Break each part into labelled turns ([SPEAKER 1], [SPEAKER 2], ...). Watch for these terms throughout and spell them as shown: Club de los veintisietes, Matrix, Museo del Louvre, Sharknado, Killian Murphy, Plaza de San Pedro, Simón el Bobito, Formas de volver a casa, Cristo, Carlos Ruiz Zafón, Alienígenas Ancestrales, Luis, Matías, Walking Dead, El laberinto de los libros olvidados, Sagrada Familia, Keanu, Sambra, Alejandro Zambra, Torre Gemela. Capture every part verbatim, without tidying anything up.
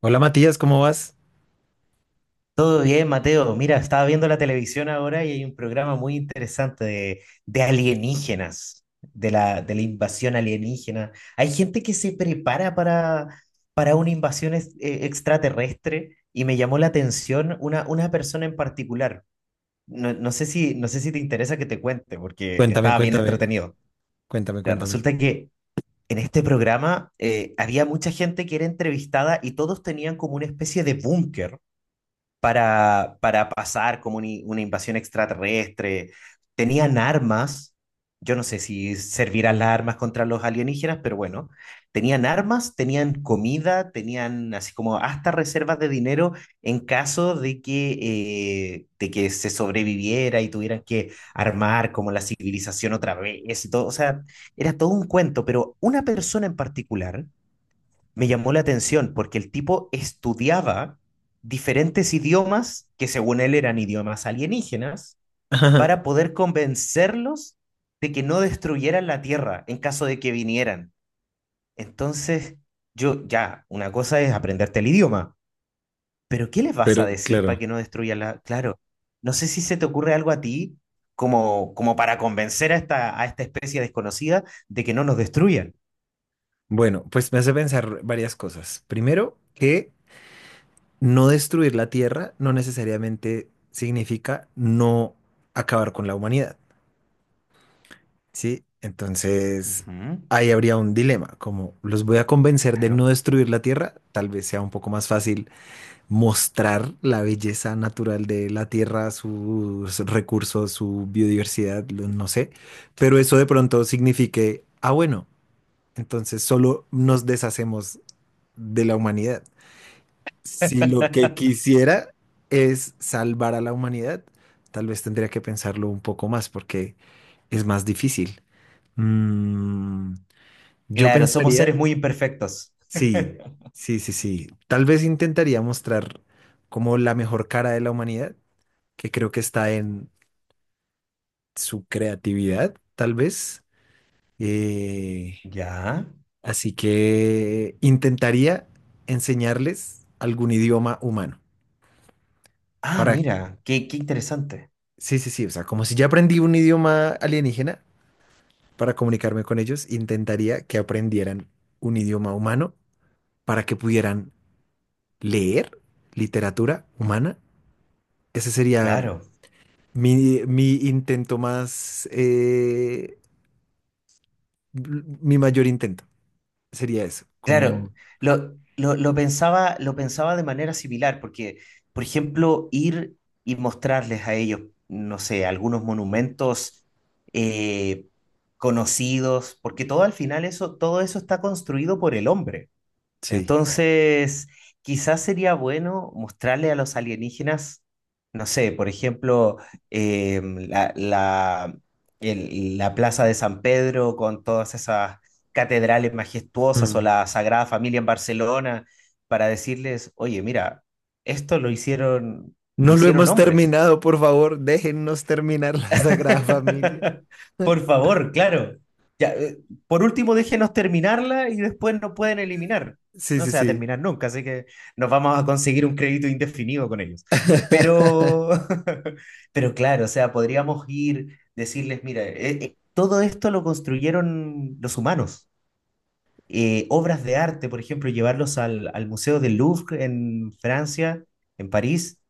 [SPEAKER 1] Hola Matías, ¿cómo vas?
[SPEAKER 2] Todo bien, Mateo. Mira, estaba viendo la televisión ahora y hay un programa muy interesante de, de alienígenas, de la, de la invasión alienígena. Hay gente que se prepara para, para una invasión es- eh, extraterrestre y me llamó la atención una, una persona en particular. No, no sé si, no sé si te interesa que te cuente porque
[SPEAKER 1] Cuéntame,
[SPEAKER 2] estaba bien
[SPEAKER 1] cuéntame,
[SPEAKER 2] entretenido.
[SPEAKER 1] cuéntame,
[SPEAKER 2] Mira,
[SPEAKER 1] cuéntame.
[SPEAKER 2] resulta que en este programa eh, había mucha gente que era entrevistada y todos tenían como una especie de búnker para, para pasar como una, una invasión extraterrestre. Tenían armas, yo no sé si servirán las armas contra los alienígenas, pero bueno, tenían armas, tenían comida, tenían así como hasta reservas de dinero en caso de que, eh, de que se sobreviviera y tuvieran que armar como la civilización otra vez y todo. O sea, era todo un cuento, pero una persona en particular me llamó la atención porque el tipo estudiaba diferentes idiomas que según él eran idiomas alienígenas para poder convencerlos de que no destruyeran la Tierra en caso de que vinieran. Entonces, yo ya, una cosa es aprenderte el idioma, pero ¿qué les vas
[SPEAKER 1] Pero
[SPEAKER 2] a decir
[SPEAKER 1] claro,
[SPEAKER 2] para que no destruyan la... Claro, no sé si se te ocurre algo a ti como, como para convencer a esta, a esta especie desconocida de que no nos destruyan.
[SPEAKER 1] bueno, pues me hace pensar varias cosas. Primero, que no destruir la Tierra no necesariamente significa no acabar con la humanidad, ¿sí? Entonces,
[SPEAKER 2] Ujú.
[SPEAKER 1] ahí habría un dilema, como los voy a convencer de
[SPEAKER 2] Claro.
[SPEAKER 1] no destruir la Tierra. Tal vez sea un poco más fácil mostrar la belleza natural de la tierra, sus recursos, su biodiversidad, lo- no sé, pero eso de pronto signifique, ah, bueno, entonces solo nos deshacemos de la humanidad. Si lo que quisiera es salvar a la humanidad, tal vez tendría que pensarlo un poco más porque es más difícil. Mm, yo
[SPEAKER 2] Claro, somos
[SPEAKER 1] pensaría,
[SPEAKER 2] seres muy imperfectos.
[SPEAKER 1] sí, sí, sí, sí. Tal vez intentaría mostrar como la mejor cara de la humanidad, que creo que está en su creatividad, tal vez. Eh,
[SPEAKER 2] Ya.
[SPEAKER 1] así que intentaría enseñarles algún idioma humano.
[SPEAKER 2] Ah,
[SPEAKER 1] Para,
[SPEAKER 2] mira, qué, qué interesante.
[SPEAKER 1] sí, sí, sí, o sea, como si ya aprendí un idioma alienígena para comunicarme con ellos, intentaría que aprendieran un idioma humano para que pudieran leer literatura humana. Ese sería
[SPEAKER 2] Claro.
[SPEAKER 1] mi, mi intento más, eh, mi mayor intento. Sería eso,
[SPEAKER 2] Claro,
[SPEAKER 1] como
[SPEAKER 2] lo, lo, lo pensaba, lo pensaba de manera similar, porque, por ejemplo, ir y mostrarles a ellos, no sé, algunos monumentos eh, conocidos, porque todo al final eso, todo eso está construido por el hombre.
[SPEAKER 1] sí.
[SPEAKER 2] Entonces, quizás sería bueno mostrarle a los alienígenas, no sé, por ejemplo, em, la, la, el- la Plaza de San Pedro con todas esas catedrales majestuosas o
[SPEAKER 1] Mm.
[SPEAKER 2] la Sagrada Familia en Barcelona, para decirles, oye, mira, esto lo hicieron, lo
[SPEAKER 1] No lo
[SPEAKER 2] hicieron
[SPEAKER 1] hemos
[SPEAKER 2] hombres.
[SPEAKER 1] terminado, por favor, déjennos terminar la Sagrada Familia.
[SPEAKER 2] Por favor, claro. Ya, eh, por último, déjenos terminarla y después nos pueden eliminar.
[SPEAKER 1] Sí,
[SPEAKER 2] No
[SPEAKER 1] sí,
[SPEAKER 2] se va a
[SPEAKER 1] sí.
[SPEAKER 2] terminar nunca, así que nos vamos a conseguir un crédito indefinido con ellos. Eh, Pero, pero claro, o sea, podríamos ir, decirles, mira, eh, eh, todo esto lo construyeron los humanos. Eh, obras de arte, por ejemplo, llevarlos al, al Museo del Louvre en Francia, en París,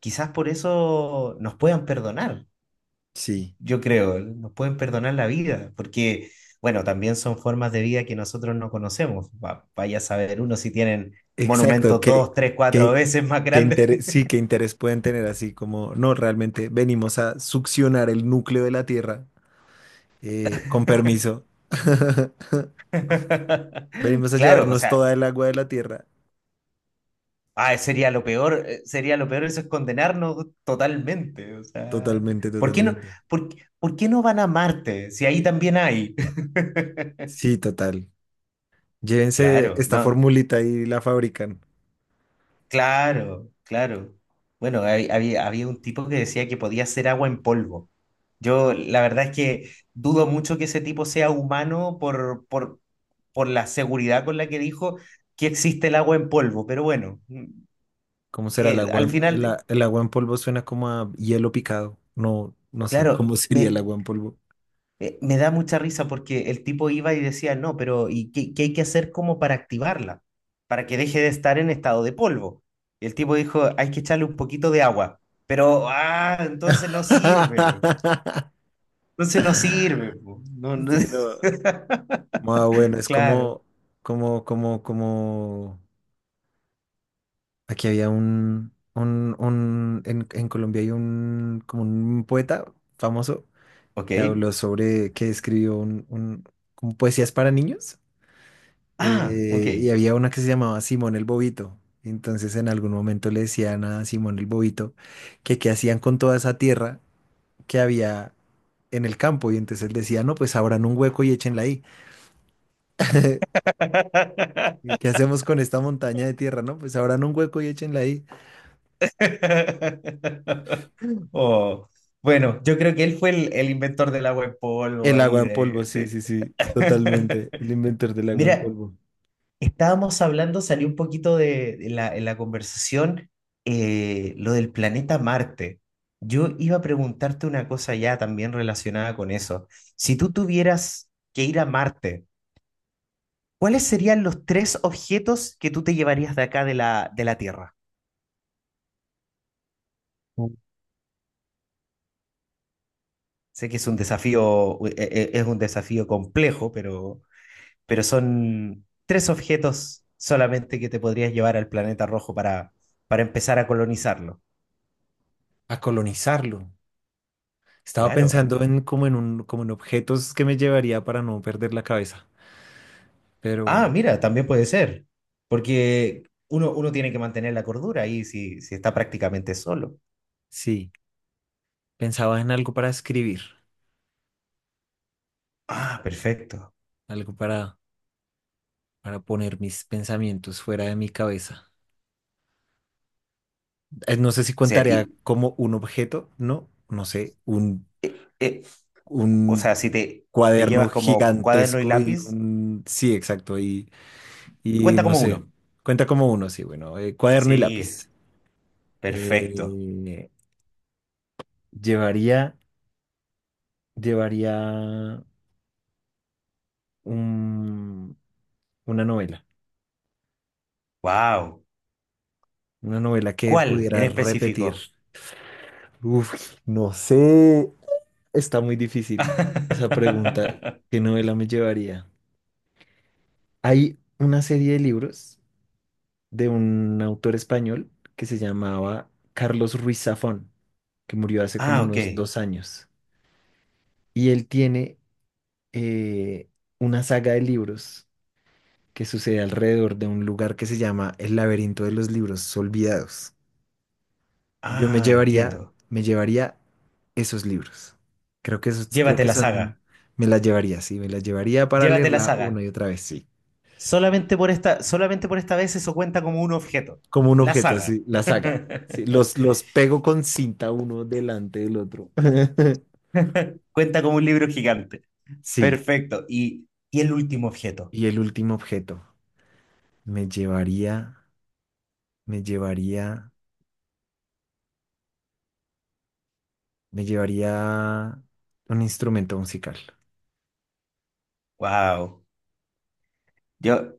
[SPEAKER 2] quizás por eso nos puedan perdonar,
[SPEAKER 1] Sí,
[SPEAKER 2] yo creo, nos pueden perdonar la vida, porque, bueno, también son formas de vida que nosotros no conocemos. Va- vaya a saber uno si tienen
[SPEAKER 1] exacto.
[SPEAKER 2] monumentos
[SPEAKER 1] ¿Qué,
[SPEAKER 2] dos, tres, cuatro
[SPEAKER 1] qué,
[SPEAKER 2] veces más
[SPEAKER 1] qué
[SPEAKER 2] grandes.
[SPEAKER 1] interés, sí, qué interés pueden tener así como, no, realmente venimos a succionar el núcleo de la Tierra, eh, con permiso. Venimos a
[SPEAKER 2] Claro, o
[SPEAKER 1] llevarnos
[SPEAKER 2] sea,
[SPEAKER 1] toda el agua de la Tierra.
[SPEAKER 2] ah, sería lo peor, eh, sería lo peor, eso es condenarnos totalmente. O sea,
[SPEAKER 1] Totalmente,
[SPEAKER 2] ¿por qué no,
[SPEAKER 1] totalmente.
[SPEAKER 2] por, qué por qué no van a Marte si ahí también hay?
[SPEAKER 1] Sí, total. Llévense
[SPEAKER 2] Claro,
[SPEAKER 1] esta
[SPEAKER 2] no.
[SPEAKER 1] formulita y la fabrican.
[SPEAKER 2] Claro, claro. Bueno, hay- había, había un tipo que decía que podía hacer agua en polvo. Yo la verdad es que dudo mucho que ese tipo sea humano por, por, por la seguridad con la que dijo que existe el agua en polvo, pero bueno, mm,
[SPEAKER 1] ¿Cómo será el
[SPEAKER 2] eh,
[SPEAKER 1] agua?
[SPEAKER 2] al
[SPEAKER 1] En- El,
[SPEAKER 2] final,
[SPEAKER 1] a- el agua en polvo suena como a hielo picado. No, no sé,
[SPEAKER 2] claro,
[SPEAKER 1] ¿cómo sería el
[SPEAKER 2] me,
[SPEAKER 1] agua en polvo?
[SPEAKER 2] eh, me da mucha risa porque el tipo iba y decía, no, pero ¿y qué, qué hay que hacer como para activarla? Para que deje de estar en estado de polvo. Y el tipo dijo, hay que echarle un poquito de agua. Pero, ah, entonces no sirve. Entonces no sirve, po. No, no-
[SPEAKER 1] Sí, no. Ah, bueno, es
[SPEAKER 2] Claro.
[SPEAKER 1] como, como, como, como. Aquí había un, un, un en, en Colombia hay un, como un poeta famoso
[SPEAKER 2] Ok.
[SPEAKER 1] que habló sobre, que escribió un, un, como poesías para niños.
[SPEAKER 2] Ah, ok.
[SPEAKER 1] Eh, y había una que se llamaba Simón el Bobito. Entonces en algún momento le decían a Simón el Bobito que qué hacían con toda esa tierra que había en el campo. Y entonces él decía, no, pues abran un hueco y échenla ahí. ¿Y qué hacemos con esta montaña de tierra? No, pues abran un hueco y échenla ahí.
[SPEAKER 2] Oh, bueno, yo creo que él fue el, el inventor del agua en polvo
[SPEAKER 1] El
[SPEAKER 2] ahí
[SPEAKER 1] agua en polvo,
[SPEAKER 2] de...
[SPEAKER 1] sí,
[SPEAKER 2] de-
[SPEAKER 1] sí, sí, totalmente. El inventor del agua en
[SPEAKER 2] Mira,
[SPEAKER 1] polvo.
[SPEAKER 2] estábamos hablando, salió un poquito de, de la, en la conversación eh, lo del planeta Marte. Yo iba a preguntarte una cosa ya también relacionada con eso. Si tú tuvieras que ir a Marte, ¿cuáles serían los tres objetos que tú te llevarías de acá de la, de la Tierra? Sé que es un desafío, eh, eh, es un desafío complejo, pero, pero son tres objetos solamente que te podrías llevar al planeta rojo para, para empezar a colonizarlo.
[SPEAKER 1] A colonizarlo. Estaba
[SPEAKER 2] Claro.
[SPEAKER 1] pensando en como en un, como en objetos que me llevaría para no perder la cabeza. Pero
[SPEAKER 2] Ah, mira, también puede ser, porque uno, uno tiene que mantener la cordura ahí si, si está prácticamente solo.
[SPEAKER 1] sí. Pensaba en algo para escribir,
[SPEAKER 2] Ah, perfecto. O
[SPEAKER 1] algo para, para poner mis pensamientos fuera de mi cabeza. Eh, No sé si
[SPEAKER 2] sea,
[SPEAKER 1] contaría
[SPEAKER 2] y,
[SPEAKER 1] como un objeto, no, no sé, un,
[SPEAKER 2] eh, eh, o
[SPEAKER 1] un
[SPEAKER 2] sea, si te, te
[SPEAKER 1] cuaderno
[SPEAKER 2] llevas como cuaderno y
[SPEAKER 1] gigantesco y
[SPEAKER 2] lápiz,
[SPEAKER 1] un... Sí, exacto, y, y
[SPEAKER 2] cuenta
[SPEAKER 1] no
[SPEAKER 2] como
[SPEAKER 1] sé,
[SPEAKER 2] uno.
[SPEAKER 1] cuenta como uno, sí, bueno, eh, cuaderno y
[SPEAKER 2] Sí,
[SPEAKER 1] lápiz.
[SPEAKER 2] perfecto.
[SPEAKER 1] Eh, llevaría, llevaría un- una novela,
[SPEAKER 2] Wow.
[SPEAKER 1] una novela que
[SPEAKER 2] ¿Cuál en
[SPEAKER 1] pudiera repetir.
[SPEAKER 2] específico?
[SPEAKER 1] Uf, no sé. Está muy difícil esa pregunta. ¿Qué novela me llevaría? Hay una serie de libros de un autor español que se llamaba Carlos Ruiz Zafón, que murió hace como
[SPEAKER 2] Ah, ok.
[SPEAKER 1] unos dos años. Y él tiene eh, una saga de libros que sucede alrededor de un lugar que se llama El laberinto de los libros olvidados. Yo me
[SPEAKER 2] Ah,
[SPEAKER 1] llevaría,
[SPEAKER 2] entiendo.
[SPEAKER 1] me llevaría esos libros. Creo que esos, creo
[SPEAKER 2] Llévate
[SPEAKER 1] que
[SPEAKER 2] la
[SPEAKER 1] son,
[SPEAKER 2] saga.
[SPEAKER 1] me las llevaría, sí, me las llevaría para
[SPEAKER 2] Llévate la
[SPEAKER 1] leerla una
[SPEAKER 2] saga.
[SPEAKER 1] y otra vez, sí.
[SPEAKER 2] Solamente por esta, solamente por esta vez eso cuenta como un objeto.
[SPEAKER 1] Como un
[SPEAKER 2] La
[SPEAKER 1] objeto,
[SPEAKER 2] saga.
[SPEAKER 1] sí, la saga. Sí, los, los pego con cinta uno delante del otro.
[SPEAKER 2] Cuenta como un libro gigante.
[SPEAKER 1] Sí,
[SPEAKER 2] Perfecto. Y, y el último objeto.
[SPEAKER 1] y el último objeto, me llevaría, me llevaría, me llevaría un instrumento musical.
[SPEAKER 2] Wow. Yo,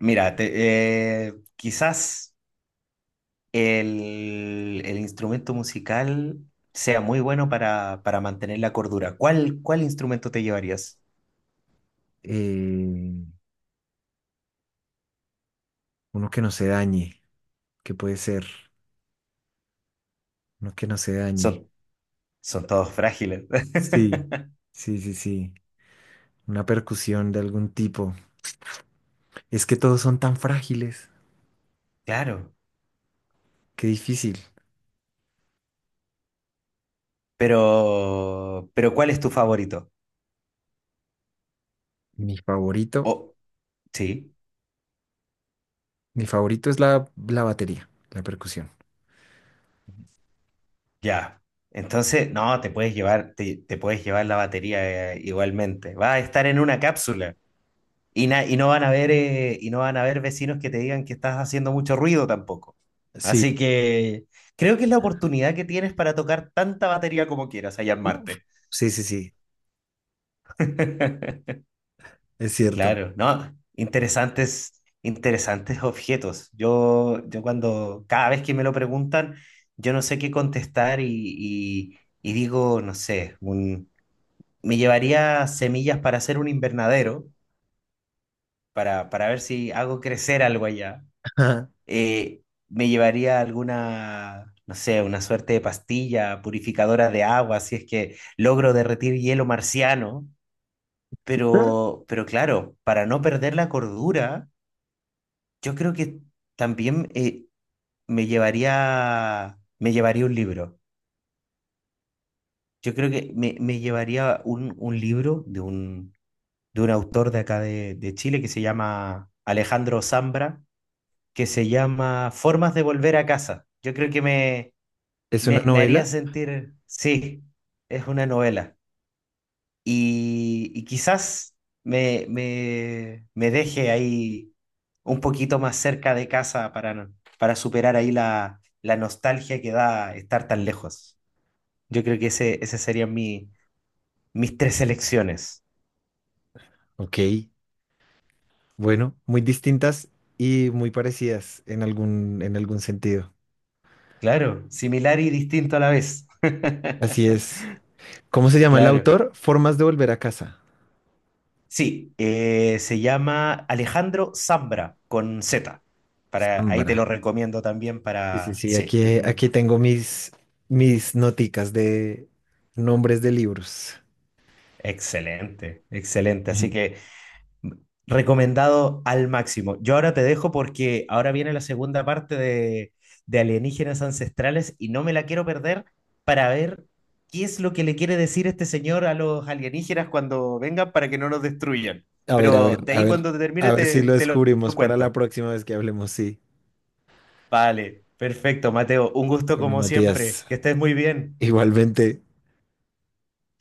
[SPEAKER 2] mira, te- eh, quizás el, el instrumento musical sea muy bueno para, para mantener la cordura. ¿Cuál, cuál instrumento te llevarías?
[SPEAKER 1] Eh, uno que no se dañe, que puede ser, uno que no se dañe.
[SPEAKER 2] Son, son todos frágiles.
[SPEAKER 1] Sí, sí, sí, sí. Una percusión de algún tipo. Es que todos son tan frágiles.
[SPEAKER 2] Claro.
[SPEAKER 1] Qué difícil.
[SPEAKER 2] Pero, pero ¿cuál es tu favorito?
[SPEAKER 1] Mi favorito,
[SPEAKER 2] Oh, sí.
[SPEAKER 1] mi favorito es la, la batería, la percusión.
[SPEAKER 2] Ya. Entonces, no, te puedes llevar, te, te puedes llevar la batería, eh, igualmente. Va a estar en una cápsula y, na- y no van a ver, eh, y no van a ver vecinos que te digan que estás haciendo mucho ruido tampoco.
[SPEAKER 1] Sí.
[SPEAKER 2] Así que creo que es la oportunidad que tienes para tocar tanta batería como quieras allá en
[SPEAKER 1] Uf.
[SPEAKER 2] Marte.
[SPEAKER 1] Sí, sí, sí. Es cierto.
[SPEAKER 2] Claro, no, interesantes, interesantes objetos. Yo, yo cuando, cada vez que me lo preguntan, yo no sé qué contestar y, y- y digo, no sé, me llevaría semillas para hacer un invernadero, para, para ver si hago crecer algo allá. Eh, me llevaría alguna, no sé, una suerte de pastilla purificadora de agua, si es que logro derretir hielo marciano. Pero, pero claro, para no perder la cordura, yo creo que también eh, me llevaría, me llevaría un libro. Yo creo que me, me llevaría un, un libro de un de un autor de acá de, de Chile que se llama Alejandro Zambra, que se llama Formas de volver a casa. Yo creo que me,
[SPEAKER 1] Es una
[SPEAKER 2] me, me haría
[SPEAKER 1] novela.
[SPEAKER 2] sentir, sí, es una novela. Y, y quizás me, me, me deje ahí un poquito más cerca de casa para, no- para superar ahí la, la nostalgia que da estar tan lejos. Yo creo que ese, ese serían mi, mis tres elecciones.
[SPEAKER 1] Ok. Bueno, muy distintas y muy parecidas en algún, en algún sentido.
[SPEAKER 2] Claro, similar y distinto a la vez.
[SPEAKER 1] Así es. ¿Cómo se llama el
[SPEAKER 2] Claro.
[SPEAKER 1] autor? Formas de volver a casa.
[SPEAKER 2] Sí, eh, se llama Alejandro Zambra con zeta. Para, ahí te
[SPEAKER 1] Sambra.
[SPEAKER 2] lo recomiendo también
[SPEAKER 1] Sí, sí,
[SPEAKER 2] para...
[SPEAKER 1] sí,
[SPEAKER 2] sí, es
[SPEAKER 1] aquí, aquí
[SPEAKER 2] un
[SPEAKER 1] tengo mis, mis noticas de nombres de libros.
[SPEAKER 2] excelente, excelente. Así que mm, recomendado al máximo. Yo ahora te dejo porque ahora viene la segunda parte de, de Alienígenas Ancestrales y no me la quiero perder para ver qué es lo que le quiere decir este señor a los alienígenas cuando vengan para que no nos destruyan.
[SPEAKER 1] A ver, a
[SPEAKER 2] Pero
[SPEAKER 1] ver,
[SPEAKER 2] de
[SPEAKER 1] a
[SPEAKER 2] ahí
[SPEAKER 1] ver,
[SPEAKER 2] cuando te termine
[SPEAKER 1] a ver si
[SPEAKER 2] te,
[SPEAKER 1] lo
[SPEAKER 2] te lo
[SPEAKER 1] descubrimos para la
[SPEAKER 2] cuento.
[SPEAKER 1] próxima vez que hablemos, sí.
[SPEAKER 2] Vale, perfecto, Mateo. Un gusto
[SPEAKER 1] Bueno,
[SPEAKER 2] como siempre.
[SPEAKER 1] Matías,
[SPEAKER 2] Que estés muy bien.
[SPEAKER 1] igualmente.